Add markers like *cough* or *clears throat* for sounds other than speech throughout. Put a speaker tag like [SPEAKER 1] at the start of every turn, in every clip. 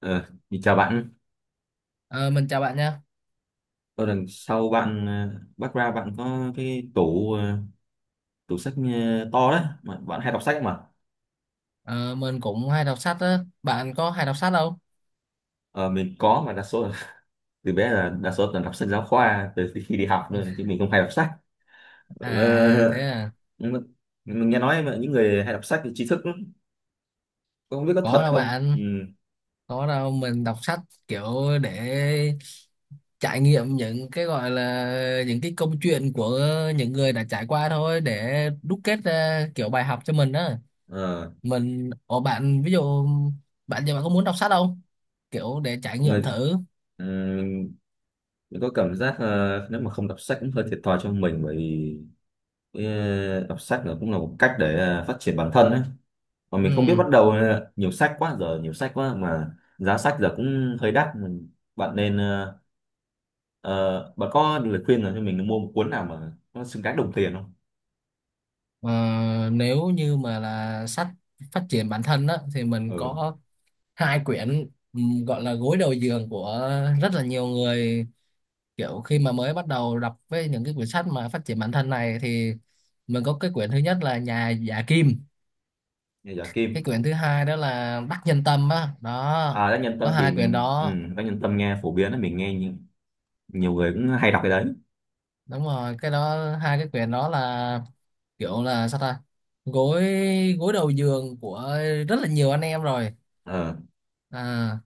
[SPEAKER 1] Ờ, thì chào bạn.
[SPEAKER 2] Ờ, mình chào bạn nha.
[SPEAKER 1] Tôi đằng sau bạn, background bạn có cái tủ, tủ sách to đấy mà bạn hay đọc sách mà.
[SPEAKER 2] Ờ, mình cũng hay đọc sách á. Bạn có hay đọc sách không?
[SPEAKER 1] Ờ, mình có, mà đa số là *laughs* từ bé là đa số là đọc sách giáo khoa từ khi đi học thôi, chứ
[SPEAKER 2] *laughs*
[SPEAKER 1] mình không hay đọc sách. Ờ,
[SPEAKER 2] À thế à.
[SPEAKER 1] nhưng mà- mình nghe nói mà những người hay đọc sách thì tri thức lắm. Không biết có
[SPEAKER 2] Có
[SPEAKER 1] thật
[SPEAKER 2] đâu
[SPEAKER 1] không? Ừ.
[SPEAKER 2] bạn. Có đâu, mình đọc sách kiểu để trải nghiệm những cái gọi là những cái câu chuyện của những người đã trải qua thôi, để đúc kết ra kiểu bài học cho mình á.
[SPEAKER 1] Ờ,
[SPEAKER 2] Mình ở bạn, ví dụ bạn giờ bạn có muốn đọc sách không? Kiểu để trải nghiệm
[SPEAKER 1] người
[SPEAKER 2] thử.
[SPEAKER 1] ừ, mình có cảm giác nếu mà không đọc sách cũng hơi thiệt thòi cho mình, bởi vì đọc sách là cũng là một cách để phát triển bản thân ấy. Mà mình không biết
[SPEAKER 2] Ừ.
[SPEAKER 1] bắt đầu. Ờ, Nhiều sách quá, giờ nhiều sách quá, mà giá sách giờ cũng hơi đắt. Bạn nên ờ, ờ, Bạn có lời khuyên nào cho mình mua một cuốn nào mà nó xứng đáng đồng tiền không?
[SPEAKER 2] Ờ, nếu như mà là sách phát triển bản thân đó thì mình
[SPEAKER 1] Ừ,
[SPEAKER 2] có hai quyển gọi là gối đầu giường của rất là nhiều người. Kiểu khi mà mới bắt đầu đọc với những cái quyển sách mà phát triển bản thân này thì mình có cái quyển thứ nhất là Nhà Giả Kim,
[SPEAKER 1] nghe giá
[SPEAKER 2] cái
[SPEAKER 1] kim.
[SPEAKER 2] quyển thứ hai đó là Đắc Nhân Tâm á đó.
[SPEAKER 1] À, Đắc Nhân
[SPEAKER 2] Có
[SPEAKER 1] Tâm thì
[SPEAKER 2] hai quyển
[SPEAKER 1] mình
[SPEAKER 2] đó,
[SPEAKER 1] Đắc Nhân Tâm nghe phổ biến là mình nghe nhiều, nhiều người cũng hay đọc cái đấy.
[SPEAKER 2] đúng rồi, cái đó. Hai cái quyển đó là kiểu là sao ta, gối gối đầu giường của rất là nhiều anh em rồi
[SPEAKER 1] ờ
[SPEAKER 2] à.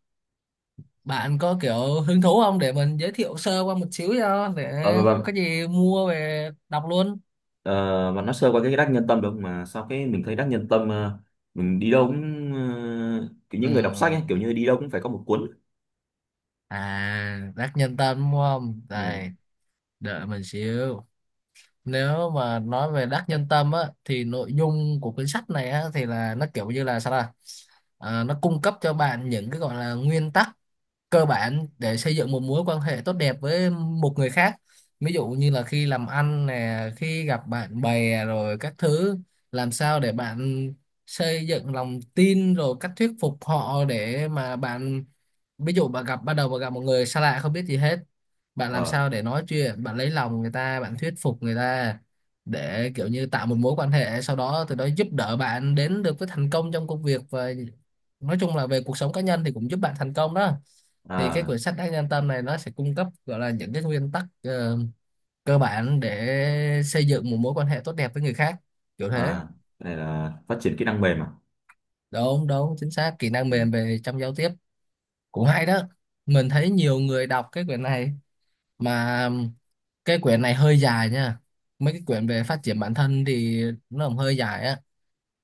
[SPEAKER 2] Bạn có kiểu hứng thú không để mình giới thiệu sơ qua một xíu cho, để
[SPEAKER 1] ờ và và
[SPEAKER 2] có gì mua về đọc luôn.
[SPEAKER 1] ờ, bạn nói sơ qua cái Đắc Nhân Tâm được mà sao cái mình thấy Đắc Nhân Tâm, mình đi đâu cũng kiểu
[SPEAKER 2] Ừ.
[SPEAKER 1] những người đọc sách ấy, kiểu như đi đâu cũng phải có một cuốn.
[SPEAKER 2] À, rác nhân Tâm đúng không?
[SPEAKER 1] Ừ.
[SPEAKER 2] Đây, đợi mình xíu. Nếu mà nói về Đắc Nhân Tâm á thì nội dung của cuốn sách này á thì là nó kiểu như là sao, là nó cung cấp cho bạn những cái gọi là nguyên tắc cơ bản để xây dựng một mối quan hệ tốt đẹp với một người khác. Ví dụ như là khi làm ăn nè, khi gặp bạn bè rồi các thứ, làm sao để bạn xây dựng lòng tin, rồi cách thuyết phục họ để mà bạn, ví dụ bạn gặp ban đầu bạn gặp một người xa lạ không biết gì hết, bạn làm
[SPEAKER 1] Ờ.
[SPEAKER 2] sao để nói chuyện, bạn lấy lòng người ta, bạn thuyết phục người ta để kiểu như tạo một mối quan hệ, sau đó từ đó giúp đỡ bạn đến được với thành công trong công việc, và nói chung là về cuộc sống cá nhân thì cũng giúp bạn thành công đó. Thì cái
[SPEAKER 1] À,
[SPEAKER 2] quyển sách Đắc Nhân Tâm này nó sẽ cung cấp gọi là những cái nguyên tắc cơ bản để xây dựng một mối quan hệ tốt đẹp với người khác, kiểu thế.
[SPEAKER 1] à, cái này là phát triển kỹ năng mềm à?
[SPEAKER 2] Đúng đúng, chính xác, kỹ năng mềm
[SPEAKER 1] Ừ.
[SPEAKER 2] về trong giao tiếp. Cũng hay đó, mình thấy nhiều người đọc cái quyển này. Mà cái quyển này hơi dài nha, mấy cái quyển về phát triển bản thân thì nó cũng hơi dài á,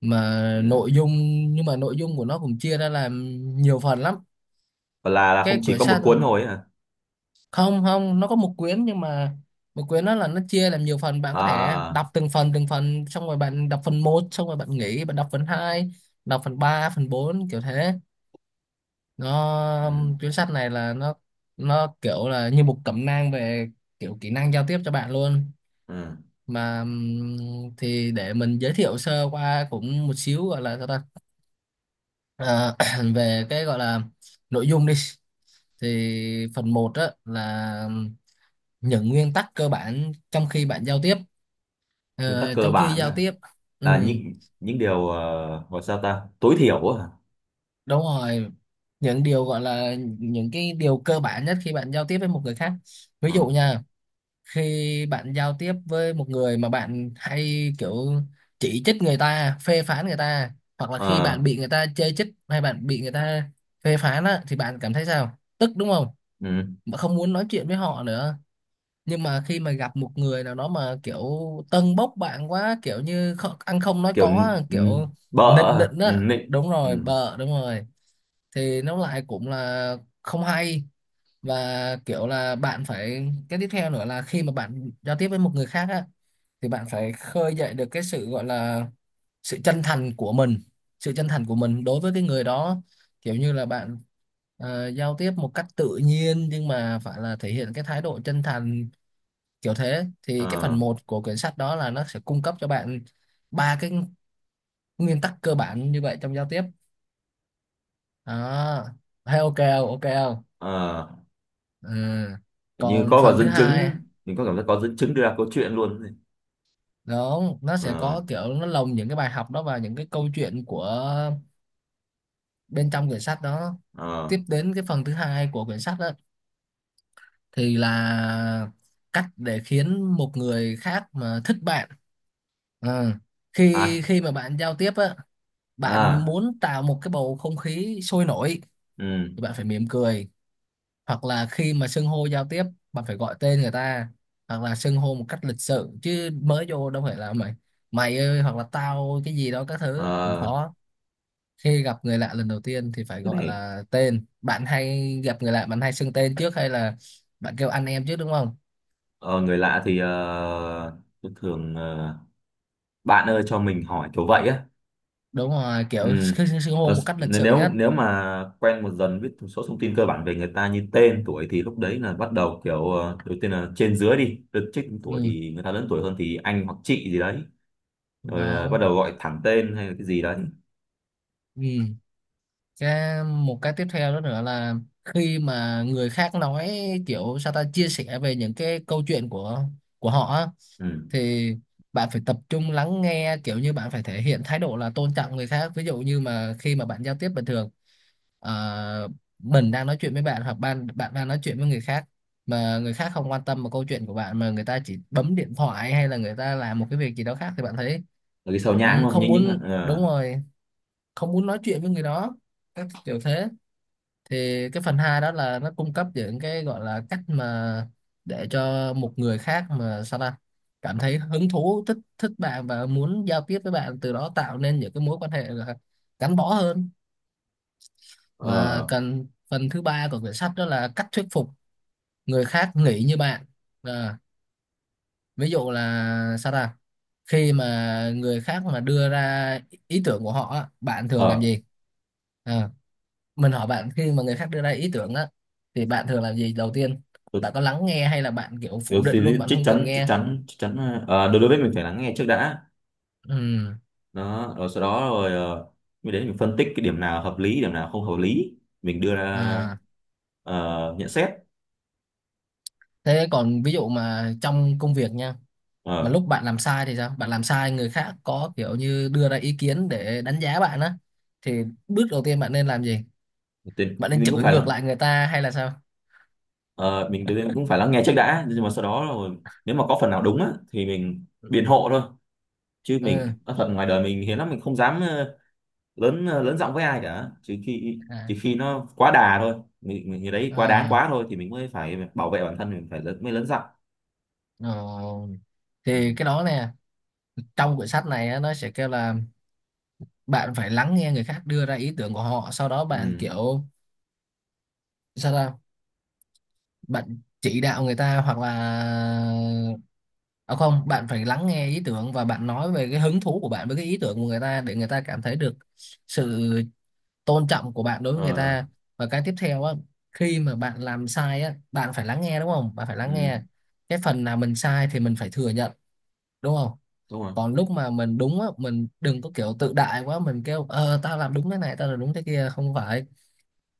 [SPEAKER 2] mà
[SPEAKER 1] Ừ.
[SPEAKER 2] nội dung, nhưng mà nội dung của nó cũng chia ra làm nhiều phần lắm.
[SPEAKER 1] Và là không
[SPEAKER 2] Cái
[SPEAKER 1] chỉ
[SPEAKER 2] quyển
[SPEAKER 1] có một
[SPEAKER 2] sách,
[SPEAKER 1] cuốn thôi ấy hả?
[SPEAKER 2] không không, nó có một quyển nhưng mà một quyển nó là nó chia làm nhiều phần, bạn
[SPEAKER 1] À,
[SPEAKER 2] có thể
[SPEAKER 1] à, à.
[SPEAKER 2] đọc từng phần từng phần, xong rồi bạn đọc phần một xong rồi bạn nghỉ, bạn đọc phần hai, đọc phần ba, phần bốn, kiểu thế. Nó
[SPEAKER 1] Ừ.
[SPEAKER 2] quyển sách này là nó kiểu là như một cẩm nang về kiểu kỹ năng giao tiếp cho bạn luôn.
[SPEAKER 1] Ừ.
[SPEAKER 2] Mà thì để mình giới thiệu sơ qua cũng một xíu, gọi là sao ta. Ờ, *clears throat* về cái gọi là nội dung đi, thì phần một á là những nguyên tắc cơ bản trong khi bạn giao tiếp.
[SPEAKER 1] Nguyên tắc
[SPEAKER 2] Ờ,
[SPEAKER 1] cơ
[SPEAKER 2] trong khi
[SPEAKER 1] bản
[SPEAKER 2] giao
[SPEAKER 1] à?
[SPEAKER 2] tiếp. Ừ,
[SPEAKER 1] Là những điều, gọi sao ta tối thiểu à?
[SPEAKER 2] đúng rồi, những điều gọi là những cái điều cơ bản nhất khi bạn giao tiếp với một người khác. Ví
[SPEAKER 1] Ừ.
[SPEAKER 2] dụ nha, khi bạn giao tiếp với một người mà bạn hay kiểu chỉ trích người ta, phê phán người ta, hoặc là khi
[SPEAKER 1] Ờ,
[SPEAKER 2] bạn bị người ta chê trích hay bạn bị người ta phê phán á, thì bạn cảm thấy sao, tức đúng không,
[SPEAKER 1] ừ.
[SPEAKER 2] mà không muốn nói chuyện với họ nữa. Nhưng mà khi mà gặp một người nào đó mà kiểu tâng bốc bạn quá, kiểu như ăn không nói
[SPEAKER 1] Kiểu
[SPEAKER 2] có á, kiểu
[SPEAKER 1] bợ.
[SPEAKER 2] nịnh
[SPEAKER 1] À.
[SPEAKER 2] nịnh
[SPEAKER 1] Ừ.
[SPEAKER 2] á,
[SPEAKER 1] Nịnh.
[SPEAKER 2] đúng
[SPEAKER 1] Ừ.
[SPEAKER 2] rồi, bợ đúng rồi. Thì nó lại cũng là không hay. Và kiểu là bạn phải, cái tiếp theo nữa là khi mà bạn giao tiếp với một người khác á thì bạn phải khơi dậy được cái sự gọi là sự chân thành của mình, sự chân thành của mình đối với cái người đó. Kiểu như là bạn giao tiếp một cách tự nhiên nhưng mà phải là thể hiện cái thái độ chân thành, kiểu thế. Thì cái phần
[SPEAKER 1] Ờ,
[SPEAKER 2] một của quyển sách đó là nó sẽ cung cấp cho bạn ba cái nguyên tắc cơ bản như vậy trong giao tiếp đó. Thấy ok không, ok không?
[SPEAKER 1] ờ.
[SPEAKER 2] Ừ.
[SPEAKER 1] Như
[SPEAKER 2] Còn
[SPEAKER 1] có
[SPEAKER 2] phần thứ
[SPEAKER 1] dẫn
[SPEAKER 2] hai,
[SPEAKER 1] chứng, mình có cảm giác có dẫn chứng đưa ra câu chuyện luôn.
[SPEAKER 2] đúng, nó sẽ
[SPEAKER 1] Ờ,
[SPEAKER 2] có kiểu nó lồng những cái bài học đó vào những cái câu chuyện của bên trong quyển sách đó.
[SPEAKER 1] ờ.
[SPEAKER 2] Tiếp đến cái phần thứ hai của quyển sách đó thì là cách để khiến một người khác mà thích bạn. Ờ,
[SPEAKER 1] À,
[SPEAKER 2] khi khi mà bạn giao tiếp á, bạn
[SPEAKER 1] à.
[SPEAKER 2] muốn tạo một cái bầu không khí sôi nổi
[SPEAKER 1] Ừ.
[SPEAKER 2] thì bạn phải mỉm cười, hoặc là khi mà xưng hô giao tiếp bạn phải gọi tên người ta, hoặc là xưng hô một cách lịch sự, chứ mới vô đâu phải là mày, mày ơi hoặc là tao cái gì đó, các thứ cũng
[SPEAKER 1] Ờ,
[SPEAKER 2] khó. Khi gặp người lạ lần đầu tiên thì phải
[SPEAKER 1] cái
[SPEAKER 2] gọi
[SPEAKER 1] này...
[SPEAKER 2] là tên, bạn hay gặp người lạ bạn hay xưng tên trước hay là bạn kêu anh em trước đúng không?
[SPEAKER 1] Ờ, Người lạ thì tôi thường bạn ơi, cho mình hỏi kiểu vậy á.
[SPEAKER 2] Đúng rồi,
[SPEAKER 1] Ừ.
[SPEAKER 2] kiểu xưng xưng- xưng hô
[SPEAKER 1] Ờ,
[SPEAKER 2] một cách lịch sự
[SPEAKER 1] nếu
[SPEAKER 2] nhất.
[SPEAKER 1] nếu mà quen một dần biết một số thông tin cơ bản về người ta như tên tuổi, thì lúc đấy là bắt đầu kiểu, đầu tiên là trên dưới, đi được trích tuổi
[SPEAKER 2] Ừ,
[SPEAKER 1] thì người ta lớn tuổi hơn thì anh hoặc chị gì đấy. Rồi là bắt
[SPEAKER 2] đó.
[SPEAKER 1] đầu gọi thẳng tên hay là cái gì đấy.
[SPEAKER 2] Ừ, cái một cái tiếp theo đó nữa là khi mà người khác nói kiểu sao ta, chia sẻ về những cái câu chuyện của họ á,
[SPEAKER 1] Ừ.
[SPEAKER 2] thì bạn phải tập trung lắng nghe, kiểu như bạn phải thể hiện thái độ là tôn trọng người khác. Ví dụ như mà khi mà bạn giao tiếp bình thường, ờ, mình đang nói chuyện với bạn hoặc bạn bạn đang nói chuyện với người khác mà người khác không quan tâm vào câu chuyện của bạn, mà người ta chỉ bấm điện thoại hay là người ta làm một cái việc gì đó khác, thì bạn thấy
[SPEAKER 1] Rồi cái sau nhãng
[SPEAKER 2] cũng
[SPEAKER 1] không,
[SPEAKER 2] không
[SPEAKER 1] nhưng những là...
[SPEAKER 2] muốn, đúng rồi, không muốn nói chuyện với người đó, các kiểu thế. Thì cái phần hai đó là nó cung cấp những cái gọi là cách mà để cho một người khác mà sao ta cảm thấy hứng thú, thích thích bạn và muốn giao tiếp với bạn, từ đó tạo nên những cái mối quan hệ là gắn bó hơn. Và
[SPEAKER 1] ờ
[SPEAKER 2] cần phần thứ ba của quyển sách đó là cách thuyết phục người khác nghĩ như bạn. À, ví dụ là sao ta, khi mà người khác mà đưa ra ý tưởng của họ á, bạn thường làm
[SPEAKER 1] ờ
[SPEAKER 2] gì? À, mình hỏi bạn, khi mà người khác đưa ra ý tưởng á thì bạn thường làm gì đầu tiên?
[SPEAKER 1] được
[SPEAKER 2] Bạn có lắng nghe hay là bạn kiểu
[SPEAKER 1] được
[SPEAKER 2] phủ định
[SPEAKER 1] thì
[SPEAKER 2] luôn, bạn
[SPEAKER 1] chắc
[SPEAKER 2] không cần
[SPEAKER 1] chắn chắc
[SPEAKER 2] nghe?
[SPEAKER 1] chắn chắc chắn đối đối với mình phải lắng nghe trước đã.
[SPEAKER 2] Ừ.
[SPEAKER 1] Đó, rồi sau đó rồi mới đến mình phân tích cái điểm nào hợp lý, điểm nào không hợp lý, mình đưa ra
[SPEAKER 2] À,
[SPEAKER 1] nhận xét.
[SPEAKER 2] thế còn ví dụ mà trong công việc nha, mà
[SPEAKER 1] Ờ,
[SPEAKER 2] lúc bạn làm sai thì sao, bạn làm sai người khác có kiểu như đưa ra ý kiến để đánh giá bạn á, thì bước đầu tiên bạn nên làm gì?
[SPEAKER 1] thì
[SPEAKER 2] Bạn nên
[SPEAKER 1] mình cũng
[SPEAKER 2] chửi
[SPEAKER 1] phải
[SPEAKER 2] ngược
[SPEAKER 1] lắng
[SPEAKER 2] lại người ta hay là sao?
[SPEAKER 1] mình cũng phải lắng nghe trước đã, nhưng mà sau đó rồi nếu mà có phần nào đúng á, thì mình biện hộ thôi. Chứ
[SPEAKER 2] Ừ.
[SPEAKER 1] mình nói thật, ngoài đời mình hiếm lắm, mình không dám lớn giọng với ai cả, chỉ khi
[SPEAKER 2] À,
[SPEAKER 1] nó quá đà thôi. Mình Người đấy quá đáng
[SPEAKER 2] ừ.
[SPEAKER 1] quá thôi thì mình mới phải bảo vệ bản thân, mình mới lớn giọng.
[SPEAKER 2] Rồi.
[SPEAKER 1] Ừ.
[SPEAKER 2] Thì cái đó nè, trong quyển sách này á, nó sẽ kêu là bạn phải lắng nghe người khác đưa ra ý tưởng của họ, sau đó bạn
[SPEAKER 1] Ừ.
[SPEAKER 2] kiểu sao ta? Bạn chỉ đạo người ta hoặc là, à không, bạn phải lắng nghe ý tưởng và bạn nói về cái hứng thú của bạn với cái ý tưởng của người ta, để người ta cảm thấy được sự tôn trọng của bạn đối với người
[SPEAKER 1] Ờ.
[SPEAKER 2] ta. Và cái tiếp theo á, khi mà bạn làm sai á, bạn phải lắng nghe đúng không? Bạn phải lắng
[SPEAKER 1] Ừ.
[SPEAKER 2] nghe. Cái phần nào mình sai thì mình phải thừa nhận, đúng không?
[SPEAKER 1] Đúng rồi.
[SPEAKER 2] Còn lúc mà mình đúng á, mình đừng có kiểu tự đại quá, mình kêu tao làm đúng thế này, tao làm đúng thế kia, không phải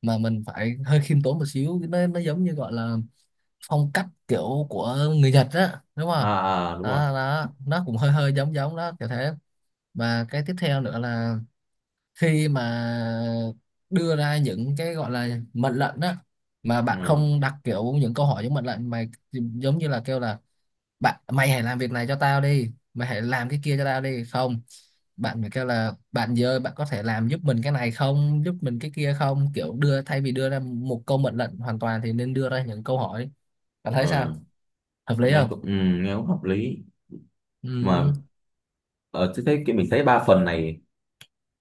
[SPEAKER 2] mà mình phải hơi khiêm tốn một xíu, nó giống như gọi là phong cách kiểu của người Nhật á đúng không?
[SPEAKER 1] À, à, đúng rồi.
[SPEAKER 2] Đó đó, nó cũng hơi hơi giống giống đó kiểu thế. Và cái tiếp theo nữa là khi mà đưa ra những cái gọi là mệnh lệnh á, mà bạn
[SPEAKER 1] ờ
[SPEAKER 2] không đặt kiểu những câu hỏi giống mệnh lệnh mà giống như là kêu là bạn mày hãy làm việc này cho tao đi, mày hãy làm cái kia cho tao đi, không, bạn phải kêu là bạn giờ bạn có thể làm giúp mình cái này không, giúp mình cái kia không, kiểu đưa thay vì đưa ra một câu mệnh lệnh hoàn toàn thì nên đưa ra những câu hỏi. Bạn thấy
[SPEAKER 1] ờ
[SPEAKER 2] sao, hợp lý
[SPEAKER 1] nghe
[SPEAKER 2] không?
[SPEAKER 1] cũng ừ, Nghe cũng hợp lý. Mà
[SPEAKER 2] Ừ.
[SPEAKER 1] ờ, tôi thấy cái mình thấy ba phần này.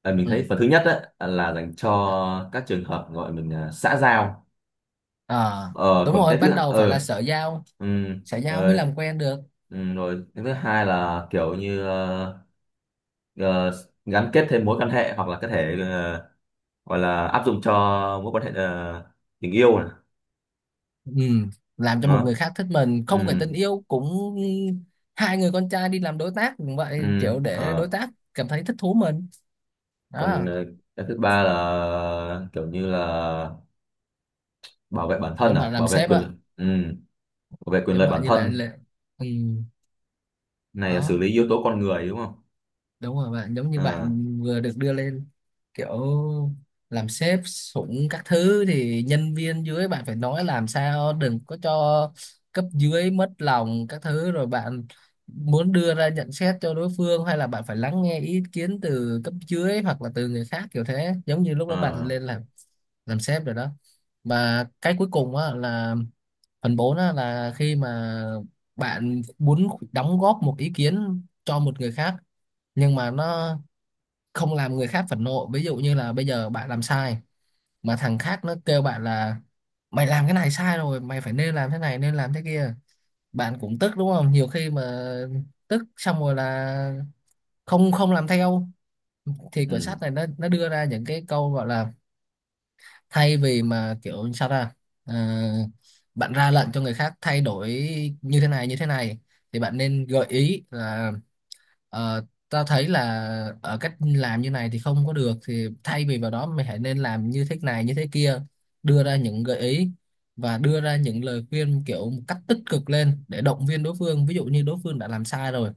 [SPEAKER 1] À, mình thấy
[SPEAKER 2] Ừ.
[SPEAKER 1] phần thứ nhất á là dành cho các trường hợp gọi mình là xã giao.
[SPEAKER 2] À,
[SPEAKER 1] Ờ
[SPEAKER 2] đúng
[SPEAKER 1] Còn cái
[SPEAKER 2] rồi,
[SPEAKER 1] thứ
[SPEAKER 2] ban đầu phải là xã giao,
[SPEAKER 1] ừ.
[SPEAKER 2] xã giao mới
[SPEAKER 1] Ờ.
[SPEAKER 2] làm quen được.
[SPEAKER 1] Ừ. Rồi cái thứ hai là kiểu như ờ, gắn kết thêm mối quan hệ, hoặc là có thể gọi là áp dụng cho mối quan hệ tình yêu này.
[SPEAKER 2] Ừ. Làm cho một
[SPEAKER 1] Nó...
[SPEAKER 2] người khác thích mình không phải
[SPEAKER 1] Ừ.
[SPEAKER 2] tình yêu cũng hai người con trai đi làm đối tác cũng
[SPEAKER 1] Ừ.
[SPEAKER 2] vậy, kiểu để đối
[SPEAKER 1] ờ
[SPEAKER 2] tác cảm thấy thích thú mình. Đó,
[SPEAKER 1] Còn cái thứ ba là kiểu như là bảo vệ bản thân,
[SPEAKER 2] giống
[SPEAKER 1] à,
[SPEAKER 2] bạn làm
[SPEAKER 1] bảo vệ
[SPEAKER 2] sếp
[SPEAKER 1] quyền
[SPEAKER 2] á,
[SPEAKER 1] lợi. Ừ. Bảo vệ quyền
[SPEAKER 2] giống
[SPEAKER 1] lợi
[SPEAKER 2] bạn
[SPEAKER 1] bản
[SPEAKER 2] như
[SPEAKER 1] thân.
[SPEAKER 2] là... Ừ.
[SPEAKER 1] Này là xử
[SPEAKER 2] Đó,
[SPEAKER 1] lý yếu tố con người đúng không?
[SPEAKER 2] đúng rồi, bạn giống như
[SPEAKER 1] À,
[SPEAKER 2] bạn vừa được đưa lên kiểu làm sếp sủng các thứ thì nhân viên dưới bạn phải nói làm sao đừng có cho cấp dưới mất lòng các thứ, rồi bạn muốn đưa ra nhận xét cho đối phương hay là bạn phải lắng nghe ý kiến từ cấp dưới hoặc là từ người khác kiểu thế, giống như lúc đó bạn
[SPEAKER 1] à,
[SPEAKER 2] lên làm sếp rồi đó. Và cái cuối cùng á là phần 4 á, là khi mà bạn muốn đóng góp một ý kiến cho một người khác nhưng mà nó không làm người khác phẫn nộ. Ví dụ như là bây giờ bạn làm sai mà thằng khác nó kêu bạn là mày làm cái này sai rồi, mày phải nên làm thế này nên làm thế kia, bạn cũng tức đúng không, nhiều khi mà tức xong rồi là không không làm theo. Thì quyển
[SPEAKER 1] ừ,
[SPEAKER 2] sách này nó đưa ra những cái câu gọi là thay vì mà kiểu sao ra, Ờ, bạn ra lệnh cho người khác thay đổi như thế này thì bạn nên gợi ý là, ta thấy là ở cách làm như này thì không có được, thì thay vì vào đó mày hãy nên làm như thế này như thế kia, đưa ra những gợi ý và đưa ra những lời khuyên kiểu một cách tích cực lên để động viên đối phương. Ví dụ như đối phương đã làm sai rồi,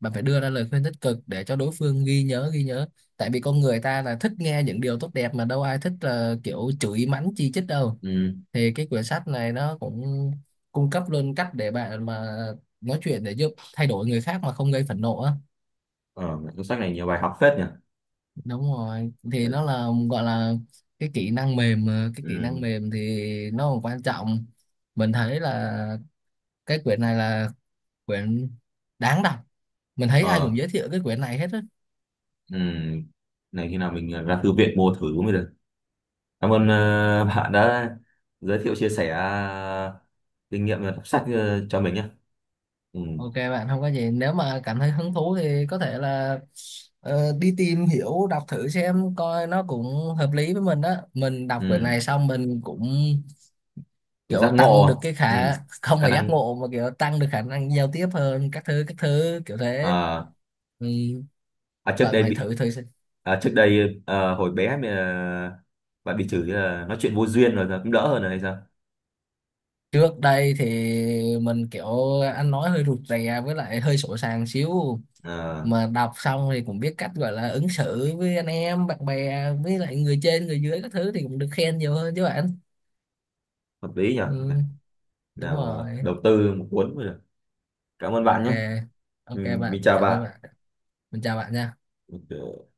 [SPEAKER 2] bạn phải đưa ra lời khuyên tích cực để cho đối phương ghi nhớ ghi nhớ, tại vì con người ta là thích nghe những điều tốt đẹp mà đâu ai thích là kiểu chửi mắng chi chít đâu.
[SPEAKER 1] ừ.
[SPEAKER 2] Thì cái quyển sách này nó cũng cung cấp luôn cách để bạn mà nói chuyện để giúp thay đổi người khác mà không gây phẫn nộ á.
[SPEAKER 1] Ờ, cuốn sách này nhiều bài học phết nhỉ.
[SPEAKER 2] Đúng rồi, thì nó là gọi là cái kỹ năng mềm, mà cái kỹ
[SPEAKER 1] Ừ.
[SPEAKER 2] năng mềm thì nó còn quan trọng. Mình thấy là cái quyển này là quyển đáng đọc, mình thấy ai cũng
[SPEAKER 1] Ờ,
[SPEAKER 2] giới thiệu cái quyển này hết á.
[SPEAKER 1] ừ. Này khi nào mình ra thư viện mua thử mới được. Cảm ơn bạn đã giới thiệu, chia sẻ kinh nghiệm đọc sách cho mình nhé. Ừ.
[SPEAKER 2] OK bạn, không có gì, nếu mà cảm thấy hứng thú thì có thể là đi tìm hiểu đọc thử xem coi nó cũng hợp lý với mình đó. Mình đọc quyển
[SPEAKER 1] Ừ.
[SPEAKER 2] này xong mình cũng
[SPEAKER 1] Giác
[SPEAKER 2] kiểu tăng
[SPEAKER 1] ngộ.
[SPEAKER 2] được cái
[SPEAKER 1] Ừ.
[SPEAKER 2] khả, không
[SPEAKER 1] Khả
[SPEAKER 2] phải giác
[SPEAKER 1] năng.
[SPEAKER 2] ngộ mà kiểu tăng được khả năng giao tiếp hơn các thứ kiểu thế.
[SPEAKER 1] À,
[SPEAKER 2] Ừ.
[SPEAKER 1] à, trước
[SPEAKER 2] Vâng,
[SPEAKER 1] đây
[SPEAKER 2] phải
[SPEAKER 1] bị...
[SPEAKER 2] thử thử xem.
[SPEAKER 1] À, trước đây hồi bé mà bạn bị chửi là nói chuyện vô duyên, rồi giờ cũng đỡ hơn rồi hay sao?
[SPEAKER 2] Trước đây thì mình kiểu ăn nói hơi rụt rè với lại hơi sổ sàng xíu,
[SPEAKER 1] À,
[SPEAKER 2] mà đọc xong thì cũng biết cách gọi là ứng xử với anh em bạn bè với lại người trên người dưới các thứ thì cũng được khen nhiều hơn chứ bạn.
[SPEAKER 1] hợp lý nhỉ?
[SPEAKER 2] Ừ, đúng
[SPEAKER 1] Nào,
[SPEAKER 2] rồi.
[SPEAKER 1] đầu tư một cuốn rồi. Cảm ơn bạn
[SPEAKER 2] OK.
[SPEAKER 1] nhé. Ừ,
[SPEAKER 2] OK
[SPEAKER 1] mình
[SPEAKER 2] bạn,
[SPEAKER 1] chào
[SPEAKER 2] cảm ơn
[SPEAKER 1] bạn.
[SPEAKER 2] bạn. Mình chào bạn nha.
[SPEAKER 1] Ok.